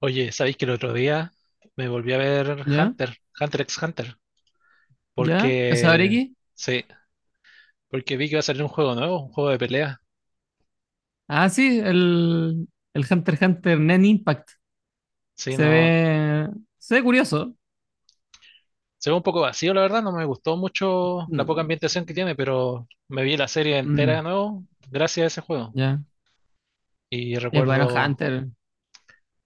Oye, ¿sabéis que el otro día me volví a ver ¿Ya? Hunter x Hunter? ¿Ya? ¿Cazador Porque, X? sí, porque vi que iba a salir un juego nuevo, un juego de pelea. Ah, sí, el Hunter x Hunter Nen Impact. Sí, Se no, ve, se ve curioso. se ve un poco vacío, la verdad, no me gustó mucho la poca Mm, ambientación que tiene, pero me vi la serie entera de mm, nuevo gracias a ese juego. ya. Y Es bueno recuerdo, Hunter.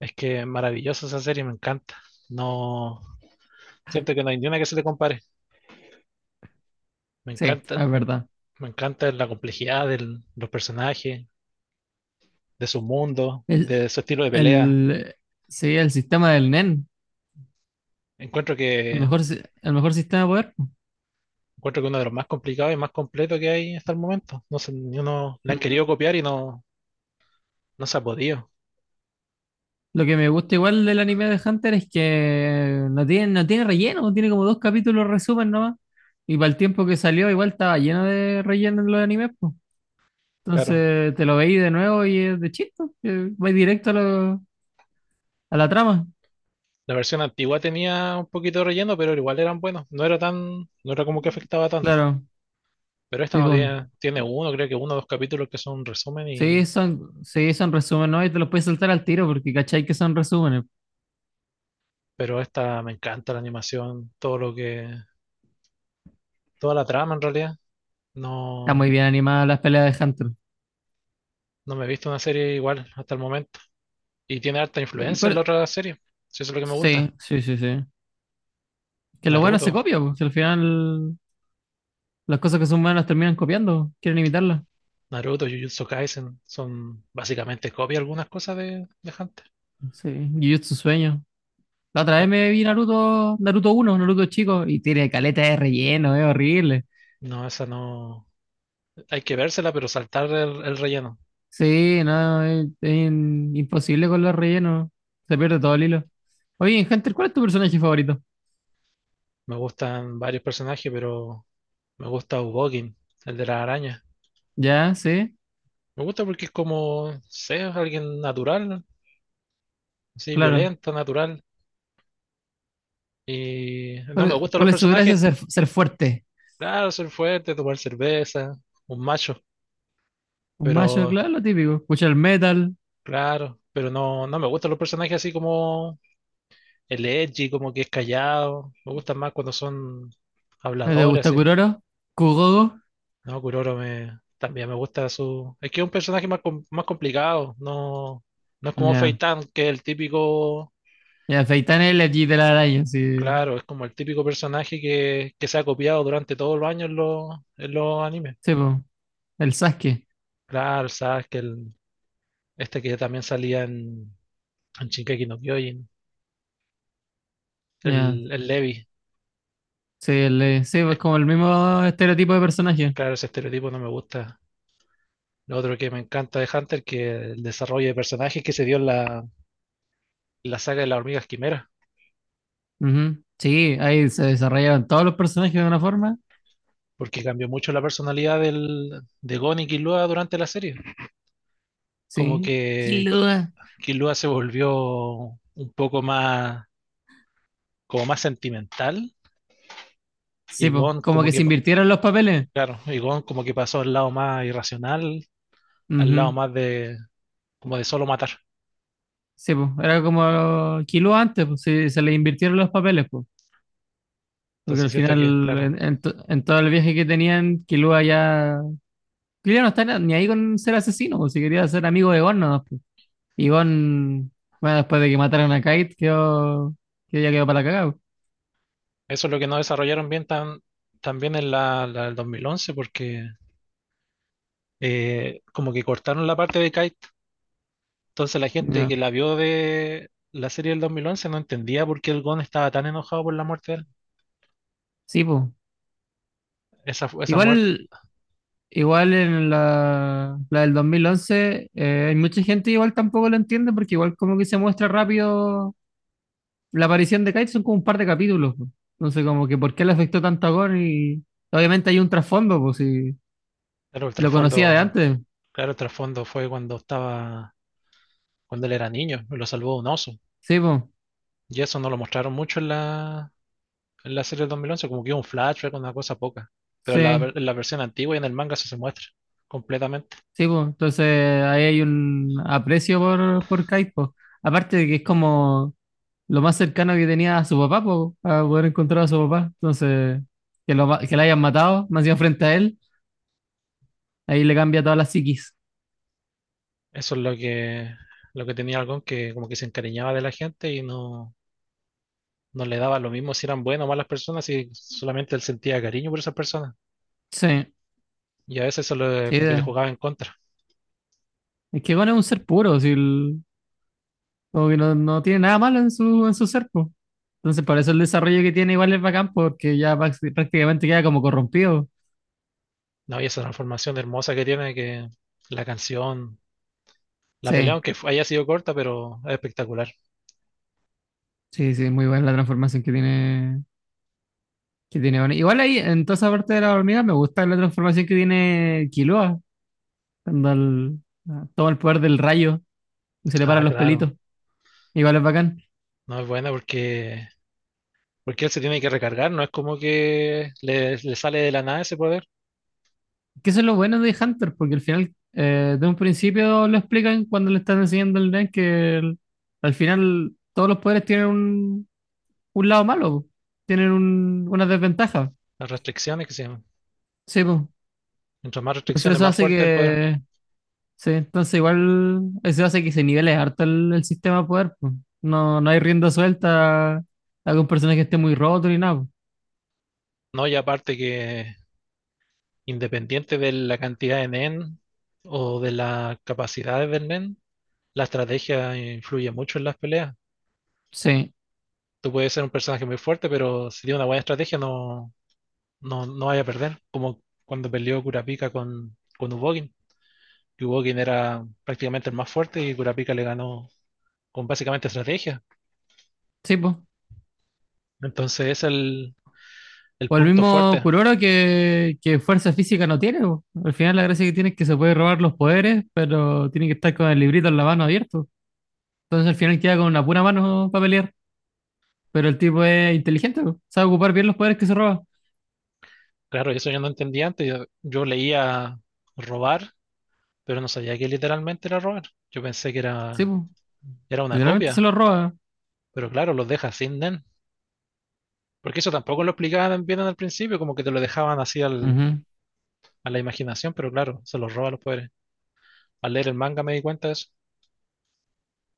es que es maravillosa esa serie, me encanta. No, siento que no hay ni una que se le compare. Me Sí, encanta, es me, verdad. me encanta la complejidad de los personajes, de su mundo, El, de su estilo de pelea. el, sí, el sistema del Nen. Encuentro El que, mejor, el mejor sistema de poder. encuentro que uno de los más complicados y más completos que hay hasta el momento. No sé, ni uno le han querido Ujú. copiar y no, no se ha podido. Lo que me gusta igual del anime de Hunter es que no tiene relleno, tiene como dos capítulos resumen nomás. Y para el tiempo que salió, igual estaba lleno de relleno en los animes, pues. Claro, Entonces te lo veí de nuevo y es de chiste, que vais directo a la trama. la versión antigua tenía un poquito de relleno, pero igual eran buenos. No era como que afectaba tanto. Claro, Pero esta no tipo, tiene, tiene uno, creo que uno o dos capítulos que son un resumen y, sí, son resúmenes, ¿no? Y te los puedes saltar al tiro porque cachai que son resúmenes. pero esta me encanta la animación, toda la trama en realidad. Está muy No, bien animada las peleas de Hunter. no me he visto una serie igual hasta el momento. Y tiene harta ¿Y influencia en la cuál- otra serie. Si eso es lo que me gusta. Sí, sí, sí, sí. Que lo bueno Naruto, se copia, pues, al final las cosas que son buenas terminan copiando, quieren imitarlas. Naruto, Jujutsu Kaisen son básicamente copia algunas cosas de Hunter. Sí, Jujutsu Sueño. La otra Eh, vez me vi Naruto, Naruto uno, Naruto chico, y tiene caleta de relleno, es horrible. No, esa no. Hay que vérsela, pero saltar el relleno. Sí, no, imposible con los rellenos. Se pierde todo el hilo. Oye, en Hunter, ¿cuál es tu personaje favorito? Me gustan varios personajes, pero me gusta Ubogin, el de la araña. Ya, sí, Me gusta porque es como, no sé, es alguien natural, así, claro. violento, natural. Y no me ¿Cuál, gustan los cuál es su gracia? personajes, Ser fuerte. claro, ser fuerte, tomar cerveza, un macho, Un macho, pero claro, lo típico. Escucha el metal. claro, pero no, no me gustan los personajes así como el edgy, como que es callado. Me gustan más cuando son ¿No te habladores, gusta así. Kuroro? ¿Kugogo? No, Kuroro, también me gusta su... Es que es un personaje más, más complicado, no, no es como Ya. Feitan que es el típico... Ya, Feitan es el Eji de la araña, sí. Claro, es como el típico personaje que se ha copiado durante todos los años en en los animes. Sí, po. El Sasuke. Claro, sabes que este que también salía en Shingeki no Kyojin, Ya. el Levi. Sí, sí, pues Es- como el mismo estereotipo de personaje. claro, ese estereotipo no me gusta. Lo otro que me encanta de Hunter, que el desarrollo de personajes que se dio en la saga de las hormigas quimera, Ujú. Sí, ahí se desarrollaron todos los personajes de una forma. porque cambió mucho la personalidad de Gon y Killua durante la serie. Como Sí. que Killua. Killua se volvió un poco más, como más sentimental, Sí, y pues, Gon como como que que, se invirtieron los papeles. claro, y Gon como que pasó al lado más irracional, al lado Ujú. más de, como de solo matar. Sí, pues, era como kilo antes, pues, sí, se le invirtieron los papeles, pues. Porque Entonces al siento que, final, claro, en todo el viaje que tenían, Killua ya... Killua no está ni ahí con ser asesino, pues, si quería ser amigo de Gon, nomás, pues. Y Gon, bueno, después de que mataron a Kite, quedó, que ya quedó para la cagada, pues. eso es lo que no desarrollaron bien tan, también en la del 2011, porque como que cortaron la parte de Kai. Entonces la gente Ya. que la vio de la serie del 2011 no entendía por qué el Gon estaba tan enojado por la muerte de él. Sí, pues. Esa, esa muerte, Igual, igual en la del 2011, hay mucha gente igual tampoco lo entiende, porque igual como que se muestra rápido la aparición de Kite son como un par de capítulos. Po. Entonces, como que por qué le afectó tanto a Gon y obviamente hay un trasfondo, pues si claro, el lo conocía de trasfondo, antes. claro, el trasfondo fue cuando estaba, cuando él era niño, y lo salvó un oso. Sí, pues. Y eso no lo mostraron mucho en en la serie del 2011 como que hubo un flashback, una cosa poca. Pero en Sí, en la versión antigua y en el manga eso se muestra completamente. sí, pues. Entonces ahí hay un aprecio por Kite, pues. Aparte de que es como lo más cercano que tenía a su papá, pues, a poder encontrar a su papá. Entonces, que la hayan matado, más bien frente a él, ahí le cambia todas las psiquis. Eso es lo que tenía el Gon, que como que se encariñaba de la gente y no, no le daba lo mismo si eran buenas o malas personas, y solamente él sentía cariño por esas personas. Sí, Y a veces eso sí. como que le jugaba en contra. Es que Gon es un ser puro, como que no tiene nada malo en en su ser, pues. Entonces, por eso el desarrollo que tiene igual es bacán, porque ya prácticamente queda como corrompido. No, y esa transformación hermosa que tiene, que la canción, la pelea, Sí, aunque haya sido corta, pero es espectacular. sí, sí, muy buena la transformación que tiene Bonnie. Igual ahí, en toda esa parte de la hormiga, me gusta la transformación que tiene Killua, cuando el- ah, toma el poder del rayo y se le paran Ah, los claro. pelitos. Igual es bacán. No es buena porque él se tiene que recargar, no es como que le sale de la nada ese poder. Que eso es lo bueno de Hunter, porque al final, de un principio lo explican cuando le están enseñando el Nen, al final todos los poderes tienen un lado malo, po. Tienen un, una desventaja. Las restricciones que se llaman. Sí, pues. Mientras más Entonces restricciones, eso más hace fuerte el poder. que, sí, entonces igual eso hace que se nivele harto el sistema de poder, pues. No, no hay rienda suelta a algún personaje que esté muy roto ni nada, pues. No, y aparte que independiente de la cantidad de nen o de las capacidades del nen, la estrategia influye mucho en las peleas. Sí, Tú puedes ser un personaje muy fuerte, pero si tiene una buena estrategia no, no, no vaya a perder, como cuando perdió Kurapika con Ubogin, que Ubogin era prácticamente el más fuerte y Kurapika le ganó con básicamente estrategia. sí, pues. Entonces es el O el punto mismo fuerte. Kuroro que fuerza física no tiene, pues. Al final la gracia que tiene es que se puede robar los poderes, pero tiene que estar con el librito en la mano abierto. Entonces al final queda con una pura mano para pelear, pero el tipo es inteligente, pues. Sabe ocupar bien los poderes que se roba. Claro, eso yo no entendía antes, yo leía robar, pero no sabía que literalmente era robar. Yo pensé que Sí, era, pues. era una Literalmente se copia, los roba. pero claro, los deja sin Nen. Porque eso tampoco lo explicaban bien al principio, como que te lo dejaban así Ujú. a la imaginación, pero claro, se los roba los poderes. Al leer el manga me di cuenta de eso.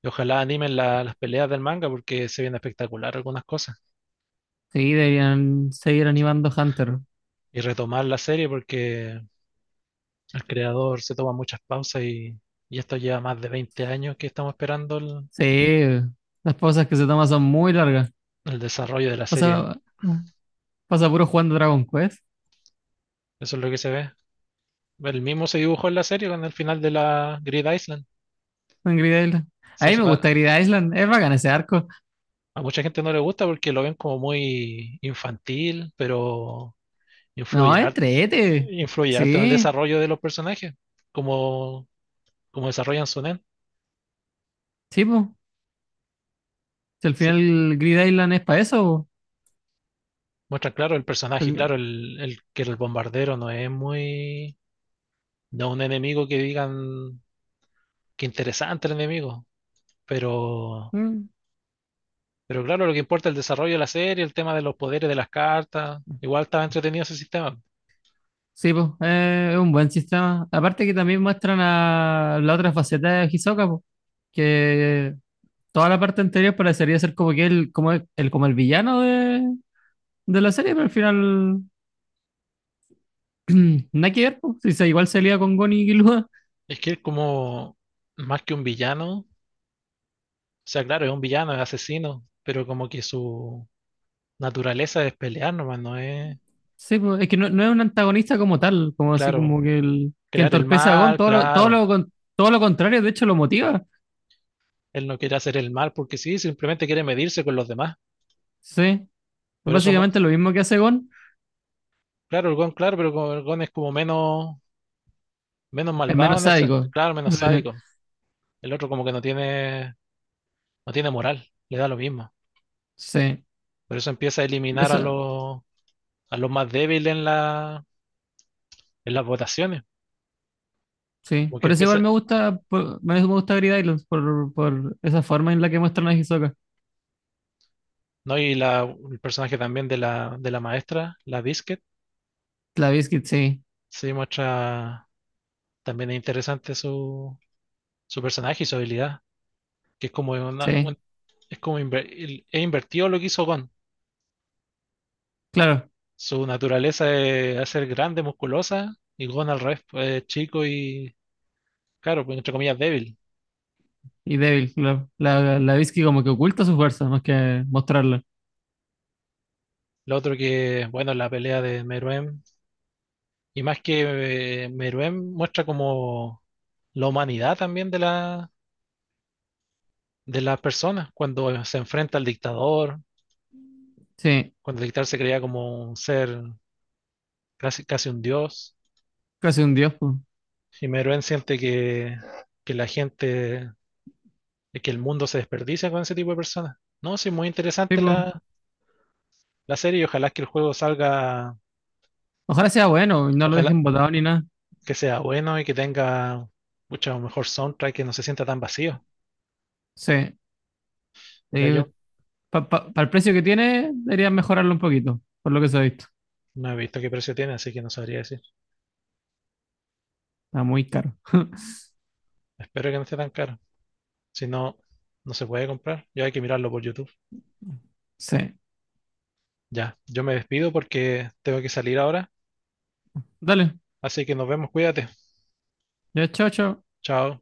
Y ojalá animen las peleas del manga porque se viene espectacular algunas cosas. Sí, deberían seguir animando Hunter. Y retomar la serie porque el creador se toma muchas pausas y esto lleva más de 20 años que estamos esperando el, Sí, las pausas que se toman son muy largas. el desarrollo de la serie. Pasa, pasa puro jugando Dragon Quest Eso es lo que se ve. El mismo se dibujó en la serie con el final de la Grid Island. en Grid Island. A Se mí hizo me una- gusta Grid Island, es bacán ese arco. a mucha gente no le gusta porque lo ven como muy infantil, pero No, influye, har- entrete. influye harto en el Sí, desarrollo de los personajes, como, como desarrollan su. sí, po. Si al Sí, final Grid Island es para eso, muestran, claro, el personaje, claro, po. el que el bombardero no es muy, no es un enemigo que digan que interesante el enemigo, pero, Mm, pero claro, lo que importa es el desarrollo de la serie, el tema de los poderes de las cartas, igual estaba entretenido ese sistema. sí, po, es un buen sistema. Aparte que también muestran a la otra faceta de Hisoka, po, que toda la parte anterior parecería ser como que él, como como el villano de la serie, pero al final nada que ver, po. Si sí, igual salía con Gon y Killua. Es que es como más que un villano, o sea, claro, es un villano, es asesino, pero como que su naturaleza es pelear nomás, no es, Sí, po. Es que no es un antagonista como tal, como así claro, como que el que crear el entorpece a Gon, mal, claro, todo lo contrario, de hecho lo motiva. él no quiere hacer el mal porque sí, simplemente quiere medirse con los demás. Sí, Por eso básicamente lo mismo que hace Gon, claro, el Gon, claro, pero como el Gon es como menos, menos es malvado menos en el sádico. claro, menos Sí, sádico. El otro como que no tiene, no tiene moral, le da lo mismo. sí. Por eso empieza a Por eliminar a eso, a los más débiles en en las votaciones. sí. Porque Por eso igual empieza, me gusta, me gusta Grid Islands, por esa forma en la que muestran a Hisoka. ¿no? Y la, el personaje también de de la maestra, la Biscuit, La Biscuit, sí, se muestra también es interesante su, su personaje y su habilidad, que es como sí, es como es invertido lo que hizo Gon. claro. Su naturaleza es hacer grande, musculosa, y Gon al revés, pues, es chico y, claro, pues, entre comillas, débil. Y débil, claro. La, la Biscuit como que oculta su fuerza, más que mostrarla. Lo otro que, bueno, la pelea de Meruem, y más que Meruem muestra como la humanidad también de de las personas, cuando se enfrenta al dictador, Sí, cuando el dictador se creía como un ser, casi, casi un dios, casi un dios, po. y Meruem siente que la gente, que el mundo se desperdicia con ese tipo de personas. No, sí, muy Sí, interesante po. la serie y ojalá que el juego salga, Ojalá sea bueno y no lo ojalá dejen botado ni nada. que sea bueno y que tenga mucho mejor soundtrack, que no se sienta tan vacío. Sí. Ya Eh, yo para el precio que tiene, deberían mejorarlo un poquito, por lo que se ha visto. no he visto qué precio tiene, así que no sabría decir. Está muy caro. Espero que no esté tan caro. Si no, no se puede comprar. Ya hay que mirarlo por YouTube. Sí. Ya, yo me despido porque tengo que salir ahora. Dale. Así que nos vemos, cuídate. Ya, chao, chao. Chao.